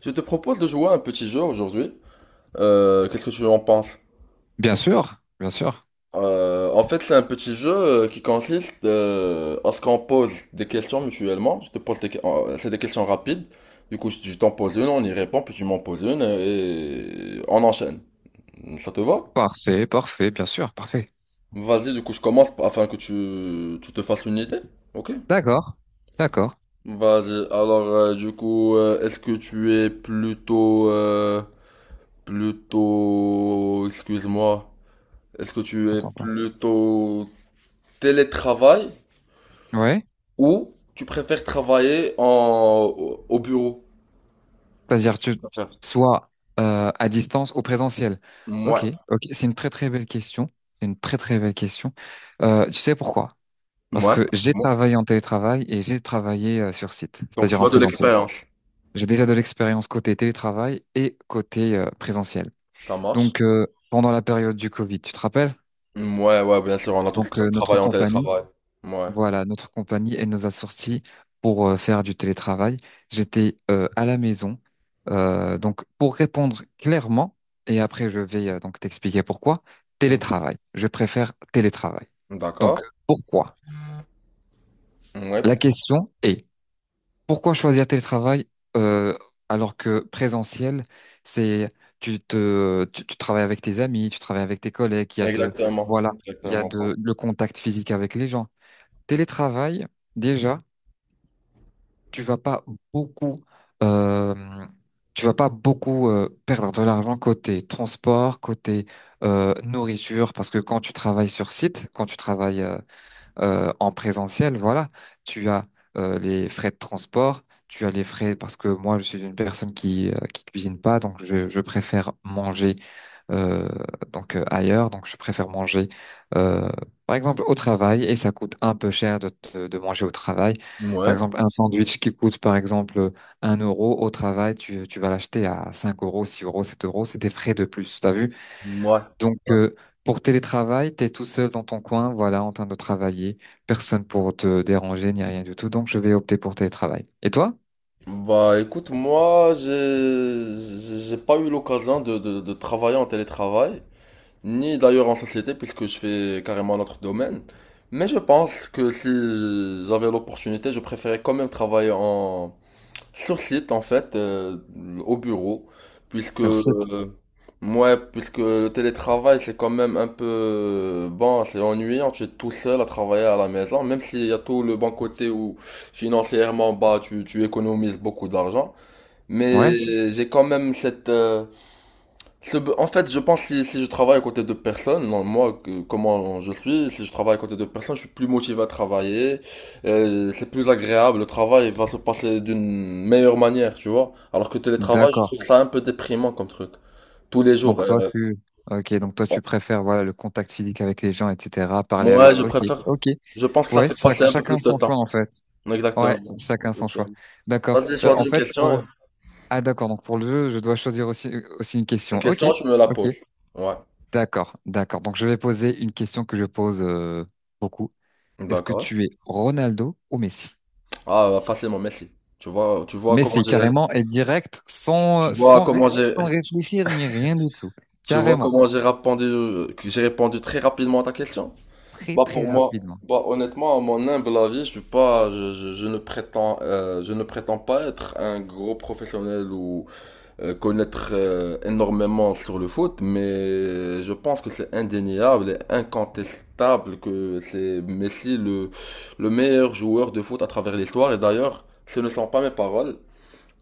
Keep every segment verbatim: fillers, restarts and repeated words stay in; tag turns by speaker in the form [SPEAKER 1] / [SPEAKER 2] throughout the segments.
[SPEAKER 1] Je te propose de jouer à un petit jeu aujourd'hui. Euh, qu'est-ce que tu en penses?
[SPEAKER 2] Bien sûr, bien sûr.
[SPEAKER 1] Euh, en fait, c'est un petit jeu euh, qui consiste euh, à ce qu'on pose des questions mutuellement. Je te pose des, que- euh, c'est des questions rapides. Du coup, je je t'en pose une, on y répond, puis tu m'en poses une et on enchaîne. Ça te va?
[SPEAKER 2] Parfait, parfait, bien sûr, parfait.
[SPEAKER 1] Vas-y, du coup, je commence afin que tu, tu te fasses une idée. Ok?
[SPEAKER 2] D'accord, d'accord.
[SPEAKER 1] Vas-y. Alors, euh, du coup, euh, est-ce que tu es plutôt, euh, plutôt, excuse-moi. Est-ce que tu
[SPEAKER 2] On
[SPEAKER 1] es
[SPEAKER 2] t'entend.
[SPEAKER 1] plutôt télétravail
[SPEAKER 2] Ouais.
[SPEAKER 1] ou tu préfères travailler en, au au bureau? Qu'est-ce
[SPEAKER 2] C'est-à-dire
[SPEAKER 1] que
[SPEAKER 2] tu
[SPEAKER 1] tu préfères?
[SPEAKER 2] soit euh, à distance ou présentiel. Ok,
[SPEAKER 1] Ouais,
[SPEAKER 2] ok. C'est une très très belle question. C'est une très très belle question. Euh, tu sais pourquoi? Parce
[SPEAKER 1] ouais,
[SPEAKER 2] que
[SPEAKER 1] du
[SPEAKER 2] j'ai
[SPEAKER 1] moins.
[SPEAKER 2] travaillé en télétravail et j'ai travaillé euh, sur site,
[SPEAKER 1] Donc
[SPEAKER 2] c'est-à-dire
[SPEAKER 1] tu
[SPEAKER 2] en
[SPEAKER 1] as de
[SPEAKER 2] présentiel.
[SPEAKER 1] l'expérience.
[SPEAKER 2] J'ai déjà de l'expérience côté télétravail et côté euh, présentiel.
[SPEAKER 1] Ça marche?
[SPEAKER 2] Donc euh, pendant la période du Covid, tu te rappelles?
[SPEAKER 1] Ouais, ouais, bien sûr, on a tous
[SPEAKER 2] Donc
[SPEAKER 1] tra-
[SPEAKER 2] euh, notre
[SPEAKER 1] travaillé en
[SPEAKER 2] compagnie
[SPEAKER 1] télétravail. Ouais.
[SPEAKER 2] Voilà, notre compagnie, elle nous a sortis pour euh, faire du télétravail. J'étais euh, à la maison. Euh, donc, pour répondre clairement, et après je vais euh, donc t'expliquer pourquoi, télétravail. Je préfère télétravail.
[SPEAKER 1] Mm.
[SPEAKER 2] Donc,
[SPEAKER 1] D'accord.
[SPEAKER 2] pourquoi?
[SPEAKER 1] Ouais,
[SPEAKER 2] La
[SPEAKER 1] pourquoi?
[SPEAKER 2] question est, pourquoi choisir télétravail euh, alors que présentiel, c'est tu te tu, tu travailles avec tes amis, tu travailles avec tes collègues, il y a de
[SPEAKER 1] Exactement.
[SPEAKER 2] voilà, il y a
[SPEAKER 1] Exactement. Pardon.
[SPEAKER 2] de le contact physique avec les gens. Télétravail, déjà. tu vas pas beaucoup euh, tu vas pas beaucoup euh, perdre de l'argent côté transport, côté euh, nourriture, parce que quand tu travailles sur site, quand tu travailles euh, euh, en présentiel, voilà, tu as euh, les frais de transport, tu as les frais parce que moi, je suis une personne qui euh, qui cuisine pas, donc je, je préfère manger euh, donc euh, ailleurs, donc je préfère manger euh, par exemple au travail et ça coûte un peu cher de te- de manger au travail. Par
[SPEAKER 1] Ouais.
[SPEAKER 2] exemple, un sandwich qui coûte par exemple un euro au travail, tu, tu vas l'acheter à cinq euros, six euros, sept euros, c'est des frais de plus. T'as vu?
[SPEAKER 1] Ouais.
[SPEAKER 2] Donc,
[SPEAKER 1] Ouais.
[SPEAKER 2] euh, pour télétravail, t'es tout seul dans ton coin, voilà, en train de travailler, personne pour te déranger ni rien du tout. Donc, je vais opter pour télétravail. Et toi?
[SPEAKER 1] Bah écoute, moi, j'ai j'ai j'ai pas eu l'occasion de, de, de travailler en télétravail, ni d'ailleurs en société puisque je fais carrément un autre domaine. Mais je pense que si j'avais l'opportunité, je préférais quand même travailler en sur site en fait euh, au bureau puisque
[SPEAKER 2] Sur site.
[SPEAKER 1] euh, ouais, puisque le télétravail c'est quand même un peu euh, bon, c'est ennuyant, tu es tout seul à travailler à la maison même s'il y a tout le bon côté où financièrement bah tu tu économises beaucoup d'argent,
[SPEAKER 2] Ouais,
[SPEAKER 1] mais j'ai quand même cette euh, c'est- en fait, je pense que si, si je travaille à côté de personnes, non, moi, que- comment je suis, si je travaille à côté de personnes, je suis plus motivé à travailler, euh, c'est plus agréable, le travail va se passer d'une meilleure manière, tu vois. Alors que télétravail, je
[SPEAKER 2] d'accord.
[SPEAKER 1] trouve ça un peu déprimant comme truc, tous les jours.
[SPEAKER 2] Donc toi
[SPEAKER 1] euh,
[SPEAKER 2] tu, ok, donc toi tu préfères voilà le contact physique avec les gens, et cetera. Parler
[SPEAKER 1] Moi,
[SPEAKER 2] avec,
[SPEAKER 1] je
[SPEAKER 2] ok,
[SPEAKER 1] préfère,
[SPEAKER 2] ok.
[SPEAKER 1] je pense que ça
[SPEAKER 2] Ouais,
[SPEAKER 1] fait
[SPEAKER 2] chac-
[SPEAKER 1] passer un peu
[SPEAKER 2] chacun
[SPEAKER 1] plus de
[SPEAKER 2] son choix
[SPEAKER 1] temps.
[SPEAKER 2] en fait.
[SPEAKER 1] Exactement.
[SPEAKER 2] Ouais, chacun son choix. D'accord.
[SPEAKER 1] Vas-y,
[SPEAKER 2] Euh,
[SPEAKER 1] choisis
[SPEAKER 2] en
[SPEAKER 1] une
[SPEAKER 2] fait
[SPEAKER 1] question, et-
[SPEAKER 2] pour, ah d'accord. Donc pour le jeu, je dois choisir aussi euh, aussi une
[SPEAKER 1] Une
[SPEAKER 2] question. Ok,
[SPEAKER 1] question, tu me la
[SPEAKER 2] ok.
[SPEAKER 1] poses. Ouais,
[SPEAKER 2] D'accord, d'accord. Donc je vais poser une question que je pose euh, beaucoup. Est-ce que
[SPEAKER 1] d'accord.
[SPEAKER 2] tu es Ronaldo ou Messi?
[SPEAKER 1] Ah, facilement, merci. Tu vois, tu vois comment
[SPEAKER 2] Messi,
[SPEAKER 1] j'ai,
[SPEAKER 2] carrément, et direct, sans,
[SPEAKER 1] tu
[SPEAKER 2] euh,
[SPEAKER 1] vois
[SPEAKER 2] sans, ré-
[SPEAKER 1] comment j'ai,
[SPEAKER 2] sans réfléchir ni rien du tout.
[SPEAKER 1] tu vois
[SPEAKER 2] Carrément.
[SPEAKER 1] comment j'ai répondu, que j'ai répondu très rapidement à ta question?
[SPEAKER 2] Très,
[SPEAKER 1] Bah
[SPEAKER 2] très
[SPEAKER 1] pour moi,
[SPEAKER 2] rapidement.
[SPEAKER 1] bah honnêtement, à mon humble avis, je suis pas, je, je- je ne prétends, euh, je ne prétends pas être un gros professionnel ou euh, connaître euh, énormément sur le foot, mais je pense que c'est indéniable et incontestable que c'est Messi le le meilleur joueur de foot à travers l'histoire. Et d'ailleurs, ce ne sont pas mes paroles.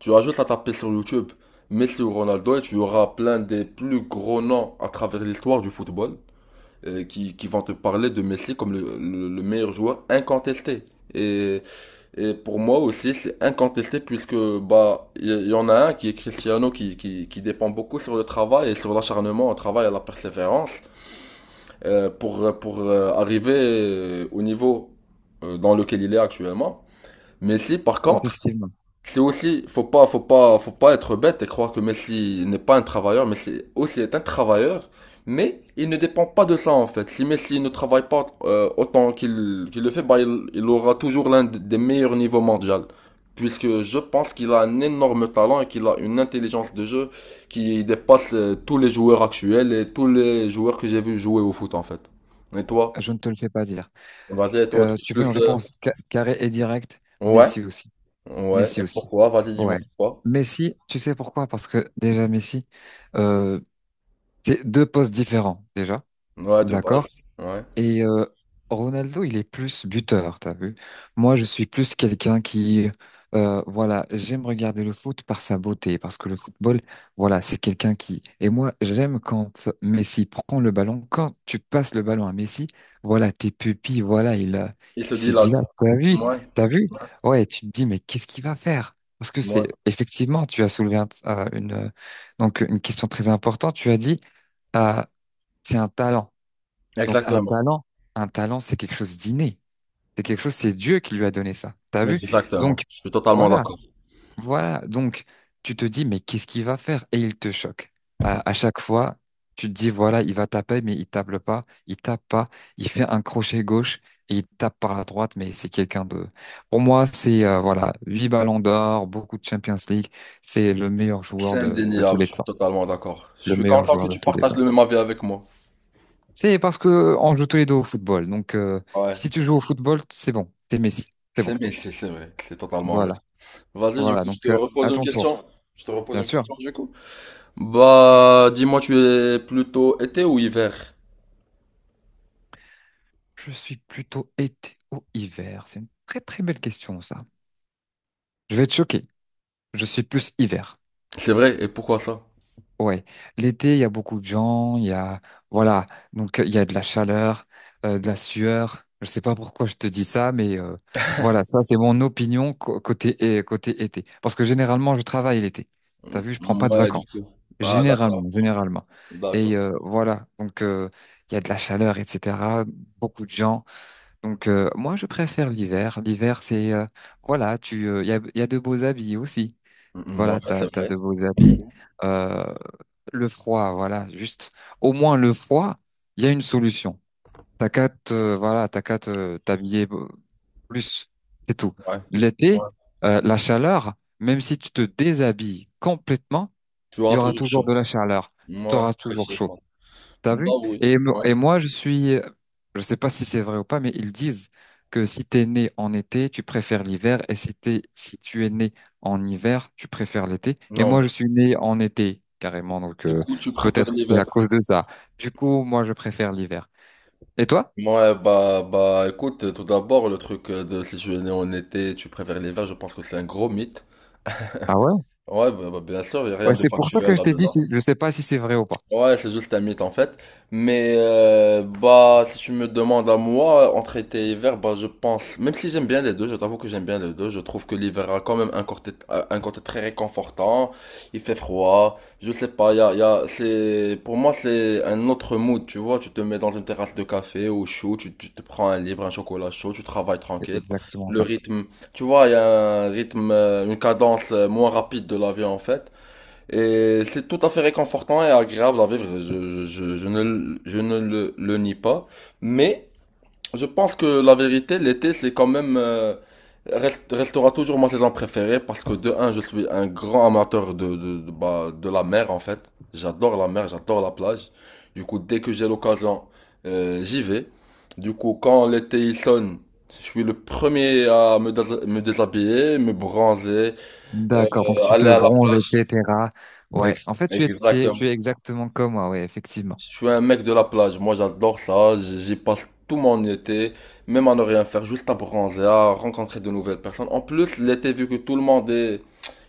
[SPEAKER 1] Tu as juste à taper sur YouTube Messi ou Ronaldo et tu auras plein des plus gros noms à travers l'histoire du football euh, qui, qui vont te parler de Messi comme le, le- le meilleur joueur incontesté. Et, et pour moi aussi, c'est incontesté puisque bah il y, y en a un qui est Cristiano qui, qui, qui dépend beaucoup sur le travail et sur l'acharnement au travail et à la persévérance, euh, pour, pour euh, arriver euh, au niveau euh, dans lequel il est actuellement. Messi, par contre,
[SPEAKER 2] Effectivement.
[SPEAKER 1] c'est aussi, faut pas, faut pas, faut pas être bête et croire que Messi n'est pas un travailleur. Messi aussi est un travailleur, mais il ne dépend pas de ça en fait. Si Messi ne travaille pas euh, autant qu'il qu'il le fait, bah, il, il aura toujours l'un d- des meilleurs niveaux mondiaux. Puisque je pense qu'il a un énorme talent et qu'il a une intelligence de jeu qui dépasse euh, tous les joueurs actuels et tous les joueurs que j'ai vu jouer au foot en fait. Et toi?
[SPEAKER 2] Je ne te le fais pas dire.
[SPEAKER 1] Vas-y, et toi,
[SPEAKER 2] Euh,
[SPEAKER 1] tu es
[SPEAKER 2] tu veux une
[SPEAKER 1] plus... euh,
[SPEAKER 2] réponse ca- carrée et directe?
[SPEAKER 1] Ouais,
[SPEAKER 2] Messi aussi.
[SPEAKER 1] ouais.
[SPEAKER 2] Messi
[SPEAKER 1] Et
[SPEAKER 2] aussi.
[SPEAKER 1] pourquoi? Vas-y, dis-moi
[SPEAKER 2] Ouais.
[SPEAKER 1] pourquoi.
[SPEAKER 2] Messi, tu sais pourquoi? Parce que déjà, Messi, euh, c'est deux postes différents, déjà.
[SPEAKER 1] Ouais, de
[SPEAKER 2] D'accord?
[SPEAKER 1] base. Ouais.
[SPEAKER 2] Et euh, Ronaldo, il est plus buteur, t'as vu? Moi, je suis plus quelqu'un qui, euh, voilà, j'aime regarder le foot par sa beauté, parce que le football, voilà, c'est quelqu'un qui... Et moi, j'aime quand Messi prend le ballon, quand tu passes le ballon à Messi, voilà, tes pupilles, voilà, il, euh,
[SPEAKER 1] Il se
[SPEAKER 2] il se
[SPEAKER 1] dit
[SPEAKER 2] dit
[SPEAKER 1] là.
[SPEAKER 2] là, t'as vu,
[SPEAKER 1] Ouais,
[SPEAKER 2] t'as vu? Ouais, tu te dis, mais qu'est-ce qu'il va faire? Parce que
[SPEAKER 1] ouais.
[SPEAKER 2] c'est, effectivement, tu as soulevé un- euh, une, euh, donc, une question très importante, tu as dit, euh, c'est un talent. Donc un
[SPEAKER 1] Exactement.
[SPEAKER 2] talent, un talent, c'est quelque chose d'inné. C'est quelque chose, c'est Dieu qui lui a donné ça. T'as vu?
[SPEAKER 1] Exactement.
[SPEAKER 2] Donc
[SPEAKER 1] Je suis totalement
[SPEAKER 2] voilà,
[SPEAKER 1] d'accord.
[SPEAKER 2] voilà. Donc tu te dis, mais qu'est-ce qu'il va faire? Et il te choque. À, à chaque fois, tu te dis, voilà, il va taper, mais il tape pas, il tape pas, il fait un crochet gauche et il tape par la droite, mais c'est quelqu'un de. Pour moi, c'est euh, voilà, huit ballons d'or, beaucoup de Champions League, c'est le meilleur joueur
[SPEAKER 1] C'est
[SPEAKER 2] de, de tous
[SPEAKER 1] indéniable,
[SPEAKER 2] les
[SPEAKER 1] je suis
[SPEAKER 2] temps.
[SPEAKER 1] totalement d'accord. Je
[SPEAKER 2] Le
[SPEAKER 1] suis
[SPEAKER 2] meilleur
[SPEAKER 1] content que
[SPEAKER 2] joueur de
[SPEAKER 1] tu
[SPEAKER 2] tous les
[SPEAKER 1] partages
[SPEAKER 2] temps.
[SPEAKER 1] le même avis avec moi.
[SPEAKER 2] C'est parce que on joue tous les deux au football. Donc, euh,
[SPEAKER 1] Ouais.
[SPEAKER 2] si tu joues au football, c'est bon. T'es Messi. C'est bon.
[SPEAKER 1] C'est mais c'est c'est vrai, c'est totalement vrai.
[SPEAKER 2] Voilà.
[SPEAKER 1] Vas-y, du
[SPEAKER 2] Voilà.
[SPEAKER 1] coup, je
[SPEAKER 2] Donc,
[SPEAKER 1] te
[SPEAKER 2] euh,
[SPEAKER 1] repose
[SPEAKER 2] à
[SPEAKER 1] une
[SPEAKER 2] ton tour.
[SPEAKER 1] question. Je te repose
[SPEAKER 2] Bien
[SPEAKER 1] une
[SPEAKER 2] sûr.
[SPEAKER 1] question, du coup. Bah, dis-moi, tu es plutôt été ou hiver?
[SPEAKER 2] Je suis plutôt été ou hiver. C'est une très très belle question, ça. Je vais te choquer. Je suis plus hiver.
[SPEAKER 1] C'est vrai, et pourquoi ça?
[SPEAKER 2] Ouais, l'été, il y a beaucoup de gens, il y a, voilà, donc euh, il y a de la chaleur, euh, de la sueur. Je sais pas pourquoi je te dis ça, mais euh, voilà, ça c'est mon opinion co- côté, euh, côté été. Parce que généralement, je travaille l'été. T'as vu, je prends pas de
[SPEAKER 1] Ouais, du
[SPEAKER 2] vacances.
[SPEAKER 1] coup. Ah, d'accord,
[SPEAKER 2] Généralement, généralement.
[SPEAKER 1] d'accord.
[SPEAKER 2] Et euh, voilà, donc euh, il y a de la chaleur, et cetera. Beaucoup de gens. Donc euh, moi, je préfère l'hiver. L'hiver, c'est, euh, voilà, tu, euh, il y a, il y a de beaux habits aussi.
[SPEAKER 1] Mm, mm, ouais,
[SPEAKER 2] Voilà, t'as,
[SPEAKER 1] c'est
[SPEAKER 2] t'as
[SPEAKER 1] vrai.
[SPEAKER 2] de beaux habits. Euh, le froid, voilà, juste au moins le froid, il y a une solution. T'as qu'à te, euh, voilà, t'as qu'à te- t'habiller euh, plus, c'est tout.
[SPEAKER 1] Ouais,
[SPEAKER 2] L'été,
[SPEAKER 1] ouais.
[SPEAKER 2] euh, la chaleur, même si tu te déshabilles complètement,
[SPEAKER 1] Tu
[SPEAKER 2] il y
[SPEAKER 1] auras
[SPEAKER 2] aura
[SPEAKER 1] toujours
[SPEAKER 2] toujours
[SPEAKER 1] chaud.
[SPEAKER 2] de la chaleur, tu
[SPEAKER 1] Ouais,
[SPEAKER 2] auras toujours chaud.
[SPEAKER 1] effectivement.
[SPEAKER 2] T'as
[SPEAKER 1] Bah
[SPEAKER 2] vu?
[SPEAKER 1] oui,
[SPEAKER 2] Et, mo-
[SPEAKER 1] ouais.
[SPEAKER 2] et moi, je suis, je sais pas si c'est vrai ou pas, mais ils disent que si t'es né en été, tu préfères l'hiver, et si t'es, si tu es né en hiver, tu préfères l'été. Et
[SPEAKER 1] Non,
[SPEAKER 2] moi,
[SPEAKER 1] mais
[SPEAKER 2] je suis né en été, carrément, donc
[SPEAKER 1] Du
[SPEAKER 2] euh,
[SPEAKER 1] coup, tu préfères
[SPEAKER 2] peut-être que c'est à
[SPEAKER 1] l'hiver.
[SPEAKER 2] cause de ça. Du coup, moi, je préfère l'hiver. Et toi?
[SPEAKER 1] Ouais, bah, bah, écoute, tout d'abord, le truc euh, de si tu es né en été, tu préfères l'hiver, je pense que c'est un gros mythe.
[SPEAKER 2] Ah ouais?
[SPEAKER 1] Ouais, bah, bah, bien sûr, il n'y a rien
[SPEAKER 2] Ouais,
[SPEAKER 1] de
[SPEAKER 2] c'est pour ça
[SPEAKER 1] factuel
[SPEAKER 2] que je t'ai dit,
[SPEAKER 1] là-dedans.
[SPEAKER 2] si- je sais pas si c'est vrai ou pas.
[SPEAKER 1] Ouais, c'est juste un mythe en fait. Mais euh, bah, si tu me demandes à moi, entre été et hiver, bah, je pense, même si j'aime bien les deux, je t'avoue que j'aime bien les deux, je trouve que l'hiver a quand même un côté, euh, un côté très réconfortant, il fait froid, je sais pas, y a, y a, c'est, pour moi, c'est un autre mood, tu vois, tu te mets dans une terrasse de café au chaud, tu, tu te prends un livre, un chocolat chaud, tu travailles
[SPEAKER 2] C'est
[SPEAKER 1] tranquille,
[SPEAKER 2] exactement
[SPEAKER 1] le
[SPEAKER 2] ça.
[SPEAKER 1] rythme, tu vois, il y a un rythme, euh, une cadence euh, moins rapide de la vie en fait. Et c'est tout à fait réconfortant et agréable à vivre. Je, je, je, je ne, le- je ne le, le nie pas. Mais je pense que la vérité, l'été, c'est quand même... euh, reste- restera toujours ma saison préférée parce que de un, je suis un grand amateur de, de, de, bah, de la mer en fait. J'adore la mer, j'adore la plage. Du coup, dès que j'ai l'occasion, euh, j'y vais. Du coup, quand l'été il sonne, je suis le premier à me, dés- me déshabiller, me bronzer, euh,
[SPEAKER 2] D'accord, donc tu te
[SPEAKER 1] aller à la
[SPEAKER 2] bronzes,
[SPEAKER 1] plage.
[SPEAKER 2] et cetera. Ouais,
[SPEAKER 1] Ex-
[SPEAKER 2] en fait, tu es, tu es,
[SPEAKER 1] Exactement.
[SPEAKER 2] tu es exactement comme moi, ouais, effectivement.
[SPEAKER 1] Je suis un mec de la plage, moi j'adore ça, j'y passe tout mon été, même à ne rien faire, juste à bronzer, à rencontrer de nouvelles personnes. En plus, l'été, vu que tout le monde est...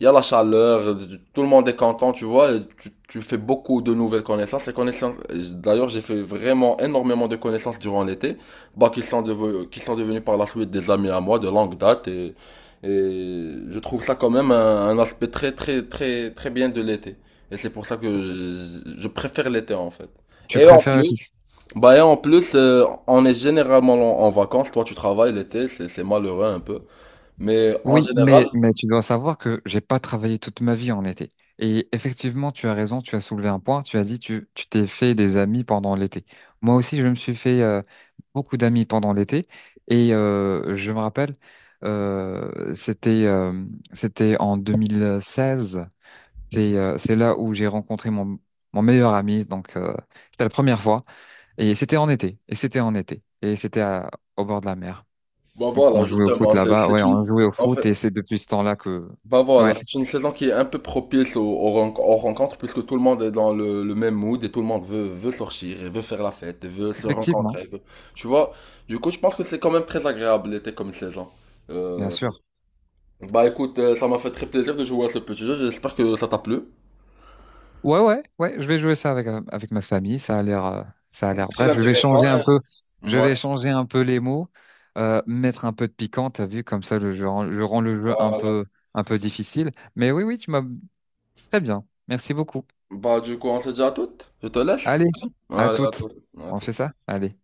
[SPEAKER 1] Il y a la chaleur, tout le monde est content, tu vois, et tu, tu fais beaucoup de nouvelles connaissances. Les connaissances, d'ailleurs, j'ai fait vraiment énormément de connaissances durant l'été, bah, qui sont devenus, qui sont devenus par la suite des amis à moi de longue date. Et, et je trouve ça quand même un, un aspect très, très, très, très bien de l'été. Et c'est pour ça que je, je préfère l'été, en fait.
[SPEAKER 2] Tu
[SPEAKER 1] Et en
[SPEAKER 2] préfères.
[SPEAKER 1] plus, bah et en plus, euh, on est généralement en, en vacances. Toi, tu travailles l'été, c'est c'est malheureux un peu. Mais en
[SPEAKER 2] Oui, mais,
[SPEAKER 1] général,
[SPEAKER 2] mais tu dois savoir que j'ai pas travaillé toute ma vie en été. Et effectivement, tu as raison, tu as soulevé un point, tu as dit tu tu t'es fait des amis pendant l'été. Moi aussi, je me suis fait euh, beaucoup d'amis pendant l'été. Et euh, je me rappelle, euh, c'était euh, c'était en deux mille seize. C'est euh, c'est là où j'ai rencontré mon, mon meilleur ami. Donc, euh, c'était la première fois. Et c'était en été. Et c'était en été. Et c'était à- au bord de la mer.
[SPEAKER 1] bah
[SPEAKER 2] Donc on
[SPEAKER 1] voilà,
[SPEAKER 2] jouait au foot
[SPEAKER 1] justement, c'est
[SPEAKER 2] là-bas, ouais,
[SPEAKER 1] c'est
[SPEAKER 2] on
[SPEAKER 1] une,
[SPEAKER 2] jouait au
[SPEAKER 1] en fait,
[SPEAKER 2] foot et c'est depuis ce temps-là que,
[SPEAKER 1] bah voilà,
[SPEAKER 2] ouais,
[SPEAKER 1] c'est une saison qui est un peu propice aux, aux ren- aux rencontres puisque tout le monde est dans le, le même mood et tout le monde veut veut sortir et veut faire la fête, et veut se
[SPEAKER 2] effectivement,
[SPEAKER 1] rencontrer. veut- Tu vois, du coup, je pense que c'est quand même très agréable l'été comme saison.
[SPEAKER 2] bien
[SPEAKER 1] Euh,
[SPEAKER 2] sûr.
[SPEAKER 1] Bah écoute, euh, ça m'a fait très plaisir de jouer à ce petit jeu. J'espère que ça t'a plu.
[SPEAKER 2] Ouais, ouais, ouais, je vais jouer ça avec euh, avec ma famille. Ça a l'air, euh, ça a l'air.
[SPEAKER 1] Très
[SPEAKER 2] Bref, je vais
[SPEAKER 1] intéressant,
[SPEAKER 2] changer un
[SPEAKER 1] hein.
[SPEAKER 2] peu, je
[SPEAKER 1] Ouais.
[SPEAKER 2] vais changer un peu les mots, euh, mettre un peu de piquant. T'as vu, comme ça, le jeu, rend- je rends le jeu un
[SPEAKER 1] Voilà.
[SPEAKER 2] peu, un peu difficile. Mais oui, oui, tu m'as très bien. Merci beaucoup.
[SPEAKER 1] Bah, du coup, on se dit à toutes. Je te laisse.
[SPEAKER 2] Allez,
[SPEAKER 1] Ok.
[SPEAKER 2] à
[SPEAKER 1] Allez, à
[SPEAKER 2] toutes.
[SPEAKER 1] toutes. À
[SPEAKER 2] On fait
[SPEAKER 1] toutes.
[SPEAKER 2] ça? Allez.